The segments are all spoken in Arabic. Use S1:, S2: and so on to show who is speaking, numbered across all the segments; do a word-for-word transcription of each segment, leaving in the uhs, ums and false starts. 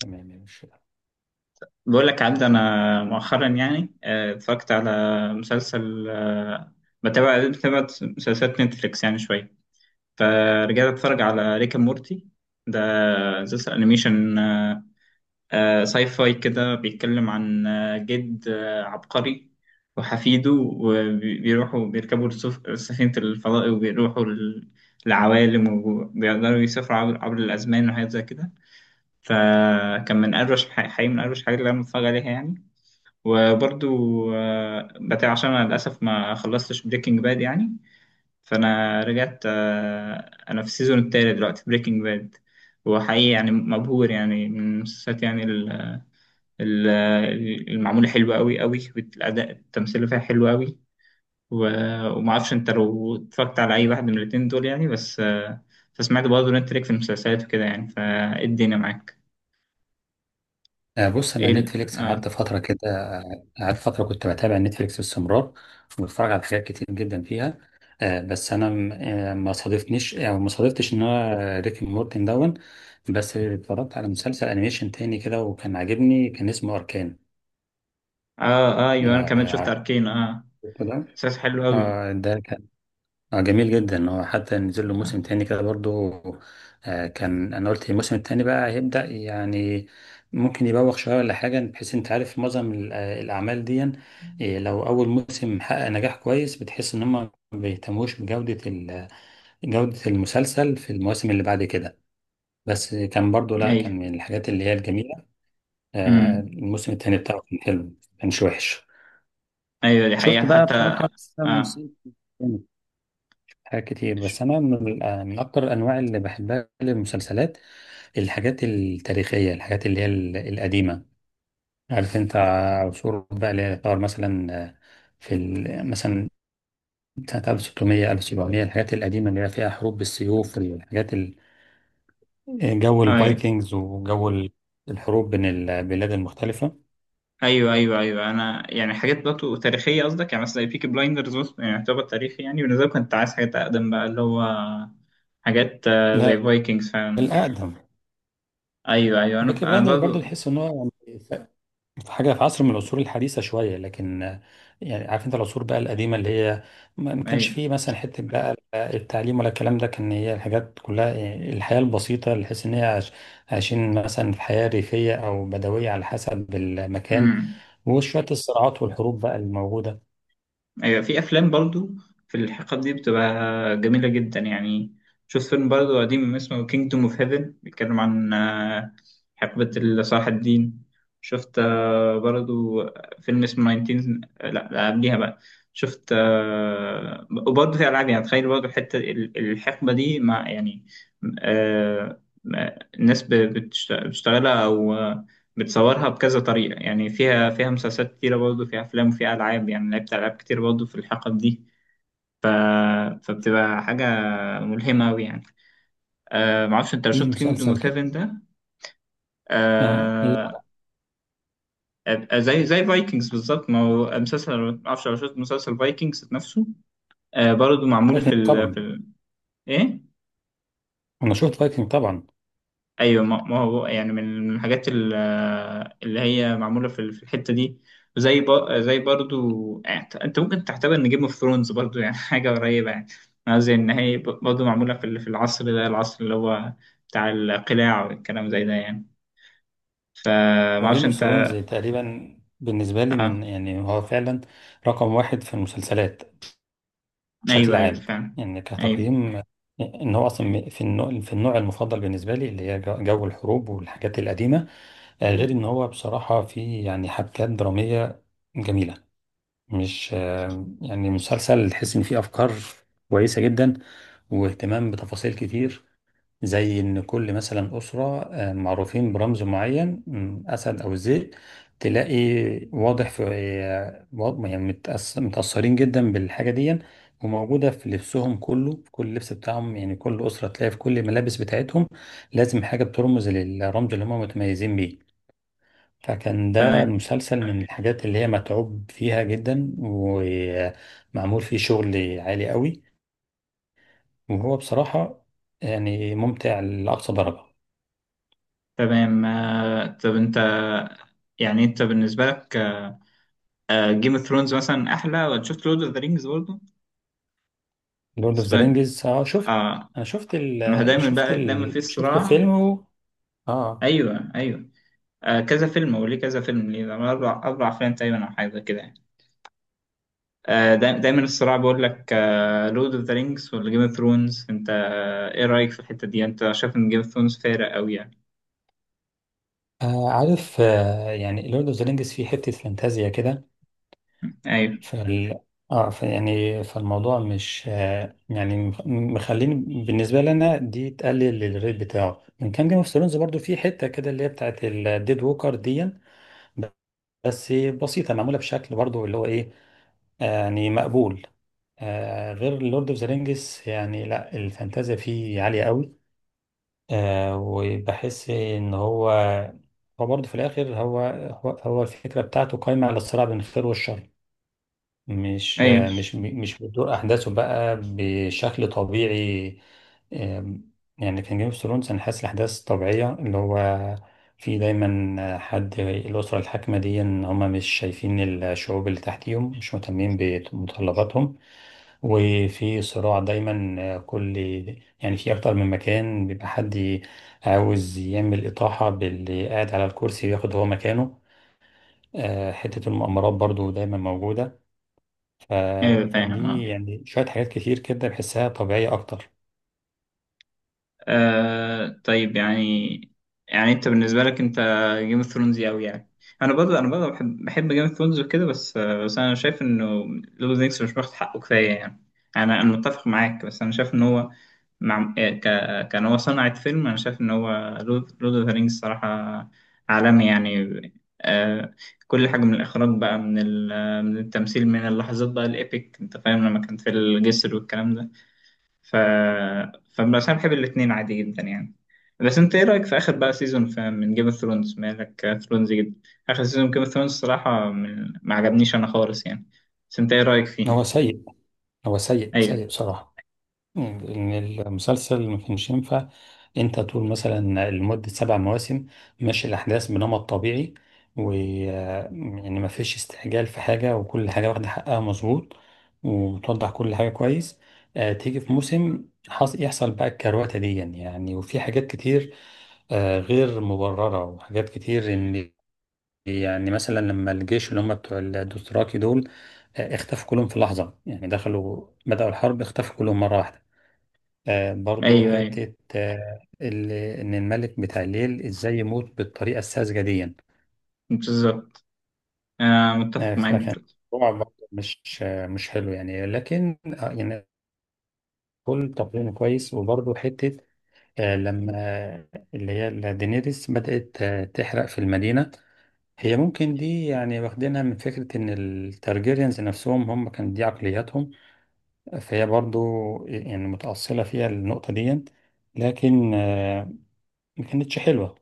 S1: تمام يا باشا.
S2: بقول لك عبد، انا مؤخرا يعني آه، اتفرجت على مسلسل. آه، بتابع بتابع مسلسلات نتفليكس يعني شويه. فرجعت اتفرج على ريك اند مورتي ده، مسلسل انيميشن. آه، آه، ساي فاي كده، بيتكلم عن آه، جد آه، عبقري وحفيده، وبيروحوا بيركبوا السف- سفينة الفضاء، وبيروحوا ال- العوالم، وبيقدروا يسافروا عبر عبر الأزمان، وحاجات زي كده. فكان من أروش، الحقيقة، من أروش الحاجات اللي أنا متفرج عليها يعني. وبرضو آه، بتاع، عشان انا للاسف ما خلصتش بريكنج باد يعني. فانا رجعت آه، انا في السيزون التالت دلوقتي بريكنج باد. وحقيقي يعني مبهور يعني من المسلسلات يعني ال- ال- المعمولة حلوة قوي قوي، والاداء التمثيل فيها حلو قوي. و- وما اعرفش انت لو اتفرجت على اي واحد من الاتنين دول يعني، بس آه، فسمعت برضه ان انت ليك في المسلسلات وكده يعني، فايه الدنيا معاك؟
S1: آه، بص،
S2: ايه،
S1: انا
S2: ال-
S1: نتفليكس
S2: اه،
S1: قعدت فتره كده. آه، قعدت فتره كنت بتابع نتفليكس باستمرار، وبتفرج على حاجات كتير جدا فيها. آه، بس انا م- آه، ما صادفنيش، يعني ما صادفتش ان انا ريكي مورتن دون. بس اتفرجت على مسلسل انيميشن تاني كده، وكان عاجبني، كان اسمه اركان.
S2: اه، آه، ايوه، انا كمان
S1: آه،
S2: شفت
S1: عارف
S2: اركين. اه،
S1: ده.
S2: مسلسل حلو قوي.
S1: آه، ده اه جميل جدا، هو حتى نزل له
S2: آه.
S1: موسم تاني كده برضو. آه كان انا قلت الموسم التاني بقى هيبدأ، يعني ممكن يبوخ شوية ولا حاجة، بحيث انت عارف معظم ال- آه، الأعمال دي. آه، لو أول موسم حقق نجاح كويس، بتحس إن هم ما بيهتموش بجودة ال- جودة المسلسل في المواسم اللي بعد كده. بس كان برضو، لا،
S2: ايوه.
S1: كان من الحاجات اللي هي الجميلة. آه
S2: امم.
S1: الموسم التاني بتاعه كان حلو، كانش وحش.
S2: ايوه، دي حقيقة
S1: شفت بقى
S2: حتى.
S1: بصراحة أحسن
S2: اه،
S1: موسم حاجات كتير.
S2: ش-
S1: بس انا من, آه، من اكتر الانواع اللي بحبها للمسلسلات الحاجات التاريخيه، الحاجات اللي هي ال- القديمه. عارف انت، ع- عصور بقى اللي هي تعتبر مثلا آه، في ال- مثلا سنه ألف وستمية ألف وسبعمية، الحاجات القديمه اللي هي فيها حروب بالسيوف، الحاجات ال- جو
S2: آه، ايوه،
S1: الفايكنجز، وجو ال- الحروب بين البلاد المختلفه.
S2: ايوه، ايوه، ايوه، انا يعني حاجات برضه تاريخية قصدك، يعني مثلا بيكي بلايندرز يعني يعتبر تاريخي يعني بالنسبة لي. كنت عايز حاجات اقدم بقى، اللي هو حاجات آه، زي
S1: لا،
S2: فايكنجز فعلا.
S1: الاقدم.
S2: ايوه، ايوه، انا
S1: بيكي
S2: أنا
S1: بلاندرز برضه
S2: برضه.
S1: تحس ان هو حاجة في عصر من العصور الحديثة شوية، لكن آه، يعني عارف انت العصور بقى القديمة، اللي هي ما ما كانش
S2: ايوه.
S1: فيه مثلا حتة بقى التعليم ولا الكلام ده، كان هي الحاجات كلها يعني الحياة البسيطة اللي تحس ان هي عايش- عايشين مثلا في حياة ريفية او بدوية على حسب المكان،
S2: امم.
S1: وشوية الصراعات والحروب بقى الموجودة.
S2: أيوة. في أفلام برضو في الحقب دي بتبقى جميلة جدا يعني. شوف فيلم برضو قديم اسمه Kingdom of Heaven، بيتكلم عن آه، حقبة صلاح الدين. شفت آه، برضو فيلم اسمه تسعتاشر، آه، لا، لا، قبليها بقى. شفت آه، وبرضو في ألعاب، يعني تخيل برضو الحتة ال- الحقبة دي مع يعني آه، آه، الناس ب- بتشت- بتشتغلها أو آه، بتصورها بكذا طريقة يعني، فيها فيها مسلسلات كتيرة برضه، فيها أفلام، وفيها ألعاب. يعني لعبت ألعاب كتير برضه في الحقب دي. ف... فبتبقى حاجة ملهمة أوي يعني. آه، معرفش أنت لو
S1: في
S2: شفت كينجدوم
S1: مسلسل
S2: اوف
S1: كده.
S2: هيفن ده.
S1: آه لا،
S2: آه آه، زي زي فايكنجز بالظبط، ما هو مسلسل، معرفش لو شفت مسلسل فايكنجز نفسه. آه، برضه معمول في
S1: فايكنج
S2: ال... في
S1: طبعا.
S2: ال... إيه؟
S1: أنا شفت فايكنج طبعا.
S2: ايوه، ما ما هو يعني من الحاجات ال- اللي هي معموله في في الحته دي. زي ب... زي برضو يعني انت أنت ممكن تعتبر ان جيم اوف ثرونز برضو يعني حاجه قريبه يعني. قصدي ان هي ب- برضو معموله في ال- في العصر ده، العصر اللي هو بتاع القلاع والكلام زي ده يعني. فما
S1: وجيم
S2: اعرفش
S1: اوف
S2: انت.
S1: ثرونز تقريبا بالنسبة لي
S2: آه.
S1: من، يعني هو فعلا رقم واحد في المسلسلات بشكل
S2: ايوه، ايوه،
S1: عام،
S2: فعلا.
S1: ان
S2: ايوه.
S1: كتقييم، ان هو اصلا في النوع في النوع المفضل بالنسبه لي اللي هي جو جو الحروب والحاجات القديمه. آه، غير ان هو بصراحه في يعني حبكات دراميه جميله. مش آه، يعني مسلسل تحس ان فيه افكار كويسه جدا واهتمام بتفاصيل كتير، زي إن كل مثلا أسرة آه، معروفين برمز معين، مم، أسد أو الذئب، تلاقي واضح في، آه، واضح- يعني متأس- متأثرين جدا بالحاجة دي، وموجودة في لبسهم كله، في كل لبس بتاعهم، يعني كل أسرة تلاقي في كل الملابس بتاعتهم لازم حاجة بترمز للرمز اللي هم متميزين بيه. فكان ده
S2: تمام،
S1: المسلسل من الحاجات اللي هي متعوب فيها جدا، ومعمول فيه شغل عالي قوي، وهو بصراحة يعني ممتع لأقصى درجة.
S2: تمام. آه، طب انت، يعني انت بالنسبه لك، جيم اوف ثرونز مثلا احلى، ولا شفت لورد اوف ذا رينجز برضو؟
S1: لورد اوف ذا
S2: سؤال.
S1: رينجز اه شفت.
S2: اه.
S1: انا شفت
S2: ما هو
S1: ال
S2: دايما
S1: شفت
S2: بقى دايما
S1: ال
S2: في
S1: شفته
S2: صراع.
S1: فيلم. و... اه
S2: ايوه، ايوه. آه كذا فيلم، هو ليه كذا فيلم، ليه ده اربع اربع افلام تقريبا او حاجه كده يعني. آه، دا- دايما الصراع بيقول لك لورد اوف ذا رينجز ولا جيم اوف ثرونز. انت آه، ايه رايك في الحته دي يعني، انت شايف ان جيم اوف ثرونز فارق قوي يعني؟
S1: آه، عارف. آه يعني لورد اوف ذا رينجز فيه حتة فانتازيا كده،
S2: ايوه،
S1: فال اه ف يعني فالموضوع مش، آه يعني، مخ- مخليني بالنسبة لنا، دي تقلل الريت بتاعه من كام. جيم اوف ثرونز برضه فيه حتة كده اللي هي بتاعت الديد ووكر دي، بس بسيطة، معمولة بشكل برضه اللي هو ايه، آه، يعني مقبول. آه غير لورد اوف ذا رينجز، يعني لا، الفانتازيا فيه عالية قوي. آه وبحس ان هو هو برضه في الاخر، هو هو هو الفكره بتاعته قايمه على الصراع بين الخير والشر. مش
S2: ايوه،
S1: آه مش مش بتدور احداثه بقى بشكل طبيعي. آم، يعني كان جيم اوف ثرونز انا حاسس الاحداث طبيعيه، اللي هو في دايما حد الاسره الحاكمه دي، ان هم مش شايفين الشعوب اللي تحتيهم، مش مهتمين بمتطلباتهم، وفي صراع دايما، كل، يعني في اكتر من مكان بيبقى حد عاوز يعمل اطاحة باللي قاعد على الكرسي وياخد هو مكانه. آه، حتة المؤامرات برضو دايما موجودة. ف...
S2: ايوه، فاهم.
S1: فدي
S2: اه.
S1: يعني شوية حاجات كتير كده بحسها طبيعية اكتر.
S2: آه طيب يعني، يعني انت بالنسبة لك، انت جيم اوف ثرونز قوي يعني. انا برضه انا برضه بحب بحب جيم اوف ثرونز وكده، بس آه بس انا شايف انه لوب نيكس مش واخد حقه كفاية يعني. انا انا متفق معاك، بس انا شايف ان هو مع آه، ك... كان هو صنعة فيلم. انا شايف ان هو لورد اوف ذا رينجز صراحة عالمي يعني. آه، كل حاجة من الاخراج بقى، من ال... من التمثيل، من اللحظات بقى الايبك. انت فاهم لما كان في الجسر والكلام ده. ف فبس انا بحب الاثنين عادي جدا يعني. بس انت ايه رايك في اخر بقى سيزون من جيم اوف ثرونز؟ مالك ثرونز جدا. اخر سيزون جيم اوف ثرونز الصراحه من- ما عجبنيش انا خالص يعني. بس انت ايه رايك
S1: هو
S2: فيه؟
S1: سيء، هو سيء سيء
S2: ايوه،
S1: بصراحة. إن المسلسل ما كانش ينفع انت تقول مثلا لمدة سبع مواسم ماشي الأحداث بنمط طبيعي، و يعني ما فيش استعجال في حاجة، وكل حاجة واخدة حقها مظبوط وتوضح كل حاجة كويس، آه تيجي في موسم حص... يحصل بقى الكروتة دي يعني، وفي حاجات كتير آه غير مبررة، وحاجات كتير، ان يعني مثلا لما الجيش اللي هم بتوع الدوثراكي دول آه اختفوا كلهم في لحظة، يعني دخلوا بدأوا الحرب اختفوا كلهم مرة واحدة. آه برضو
S2: ايوه، ايوه،
S1: حتة آه ال- إن الملك بتاع الليل إزاي يموت بالطريقة الساذجة دي يعني.
S2: بالظبط. آه،
S1: آه
S2: متفق معاك
S1: فكان
S2: برضه.
S1: الموضوع برضو مش آه مش حلو يعني، لكن آه يعني كل تقييم كويس. وبرضو حتة، آه لما، آه، اللي هي دينيريس بدأت آه تحرق في المدينة. هي ممكن دي يعني واخدينها من فكرة إن التارجيريانز نفسهم، هم كان دي عقلياتهم، فهي برضو يعني متأصلة فيها النقطة دي. لكن آه ما كانتش حلوة.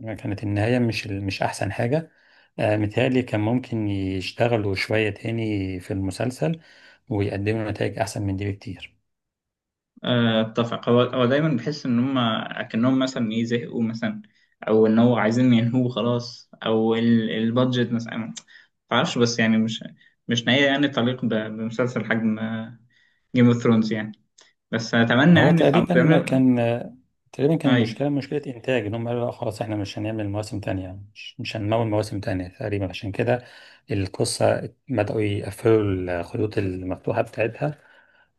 S1: كانت النهاية مش ال- مش أحسن حاجة. آه، متهيألي كان ممكن يشتغلوا شوية تاني في المسلسل ويقدموا نتائج أحسن من دي بكتير.
S2: آه، اتفق. هو هو دايما بحس ان هم اكنهم مثلا ايه، زهقوا مثلا، او ان هو عايزين ينهوه خلاص، او ال- البادجت مثلا ما اعرفش. بس يعني مش، مش نهايه يعني تليق ب- بمسلسل حجم جيم اوف ثرونز يعني. بس اتمنى
S1: هو
S2: يعني الاب
S1: تقريبا
S2: بيعمل.
S1: كان، آه، تقريبا كان
S2: ايوه،
S1: المشكلة مشكلة إنتاج، إن هم قالوا لا خلاص إحنا مش هنعمل مواسم تانية، مش, مش هنمول مواسم تانية تقريبا عشان كده. القصة بدأوا يقفلوا الخيوط المفتوحة بتاعتها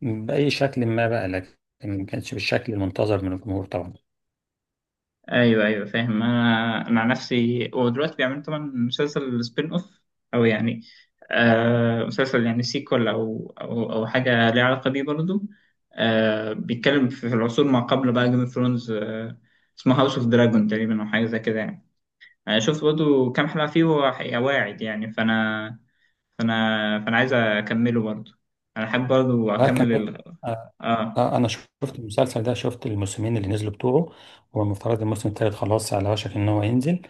S1: بأي شكل ما بقى، لكن ما كانش بالشكل المنتظر من الجمهور طبعا.
S2: ايوه، ايوه، فاهم. انا انا عن نفسي، هو دلوقتي بيعملوا طبعا مسلسل سبين اوف، او يعني آه مسلسل يعني سيكول، او او او حاجه ليها علاقه بيه برضه. آه، بيتكلم في في العصور ما قبل بقى جيم اوف ثرونز. آه، اسمه هاوس اوف دراجون تقريبا، او حاجه زي كده يعني. انا شفت برضه كام حلقه فيه، وهو حقيقة واعد يعني. فانا فانا فانا عايز اكمله برضه. انا حابب برضه
S1: لكن
S2: اكمل ال... اه.
S1: آه، انا شفت المسلسل ده، شفت الموسمين اللي نزلوا بتوعه. هو المفترض الموسم التالت خلاص على وشك ان هو ينزل.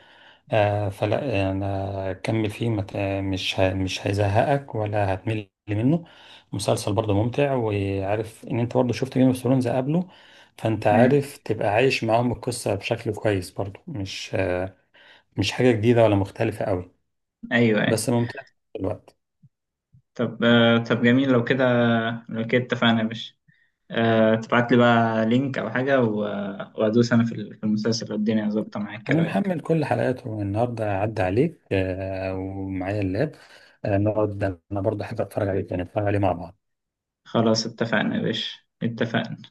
S1: آه فلا، انا كمل فيه، مت... مش ه... مش هيزهقك ولا هتمل منه. مسلسل برضه ممتع، وعارف ان انت برضه شفت جيم اوف ثرونز قبله، فانت عارف
S2: ماشي.
S1: تبقى عايش معاهم القصة بشكل كويس برضه، مش مش حاجة جديدة ولا مختلفة قوي.
S2: ايوه.
S1: بس
S2: أيوة.
S1: ممتع في الوقت.
S2: طب آه، طب جميل. لو كده لو كده اتفقنا يا باشا. آه، تبعت لي بقى لينك أو حاجة، و- وأدوس أنا في ال- في المسلسل، والدنيا ظابطة معاك. إيه
S1: انا
S2: رأيك؟
S1: محمل كل حلقاته النهارده عدى عليك، آه، ومعايا اللاب. آه، نقعد. انا برضه احب اتفرج عليه، يعني نتفرج عليه مع بعض.
S2: خلاص، اتفقنا يا باشا، اتفقنا.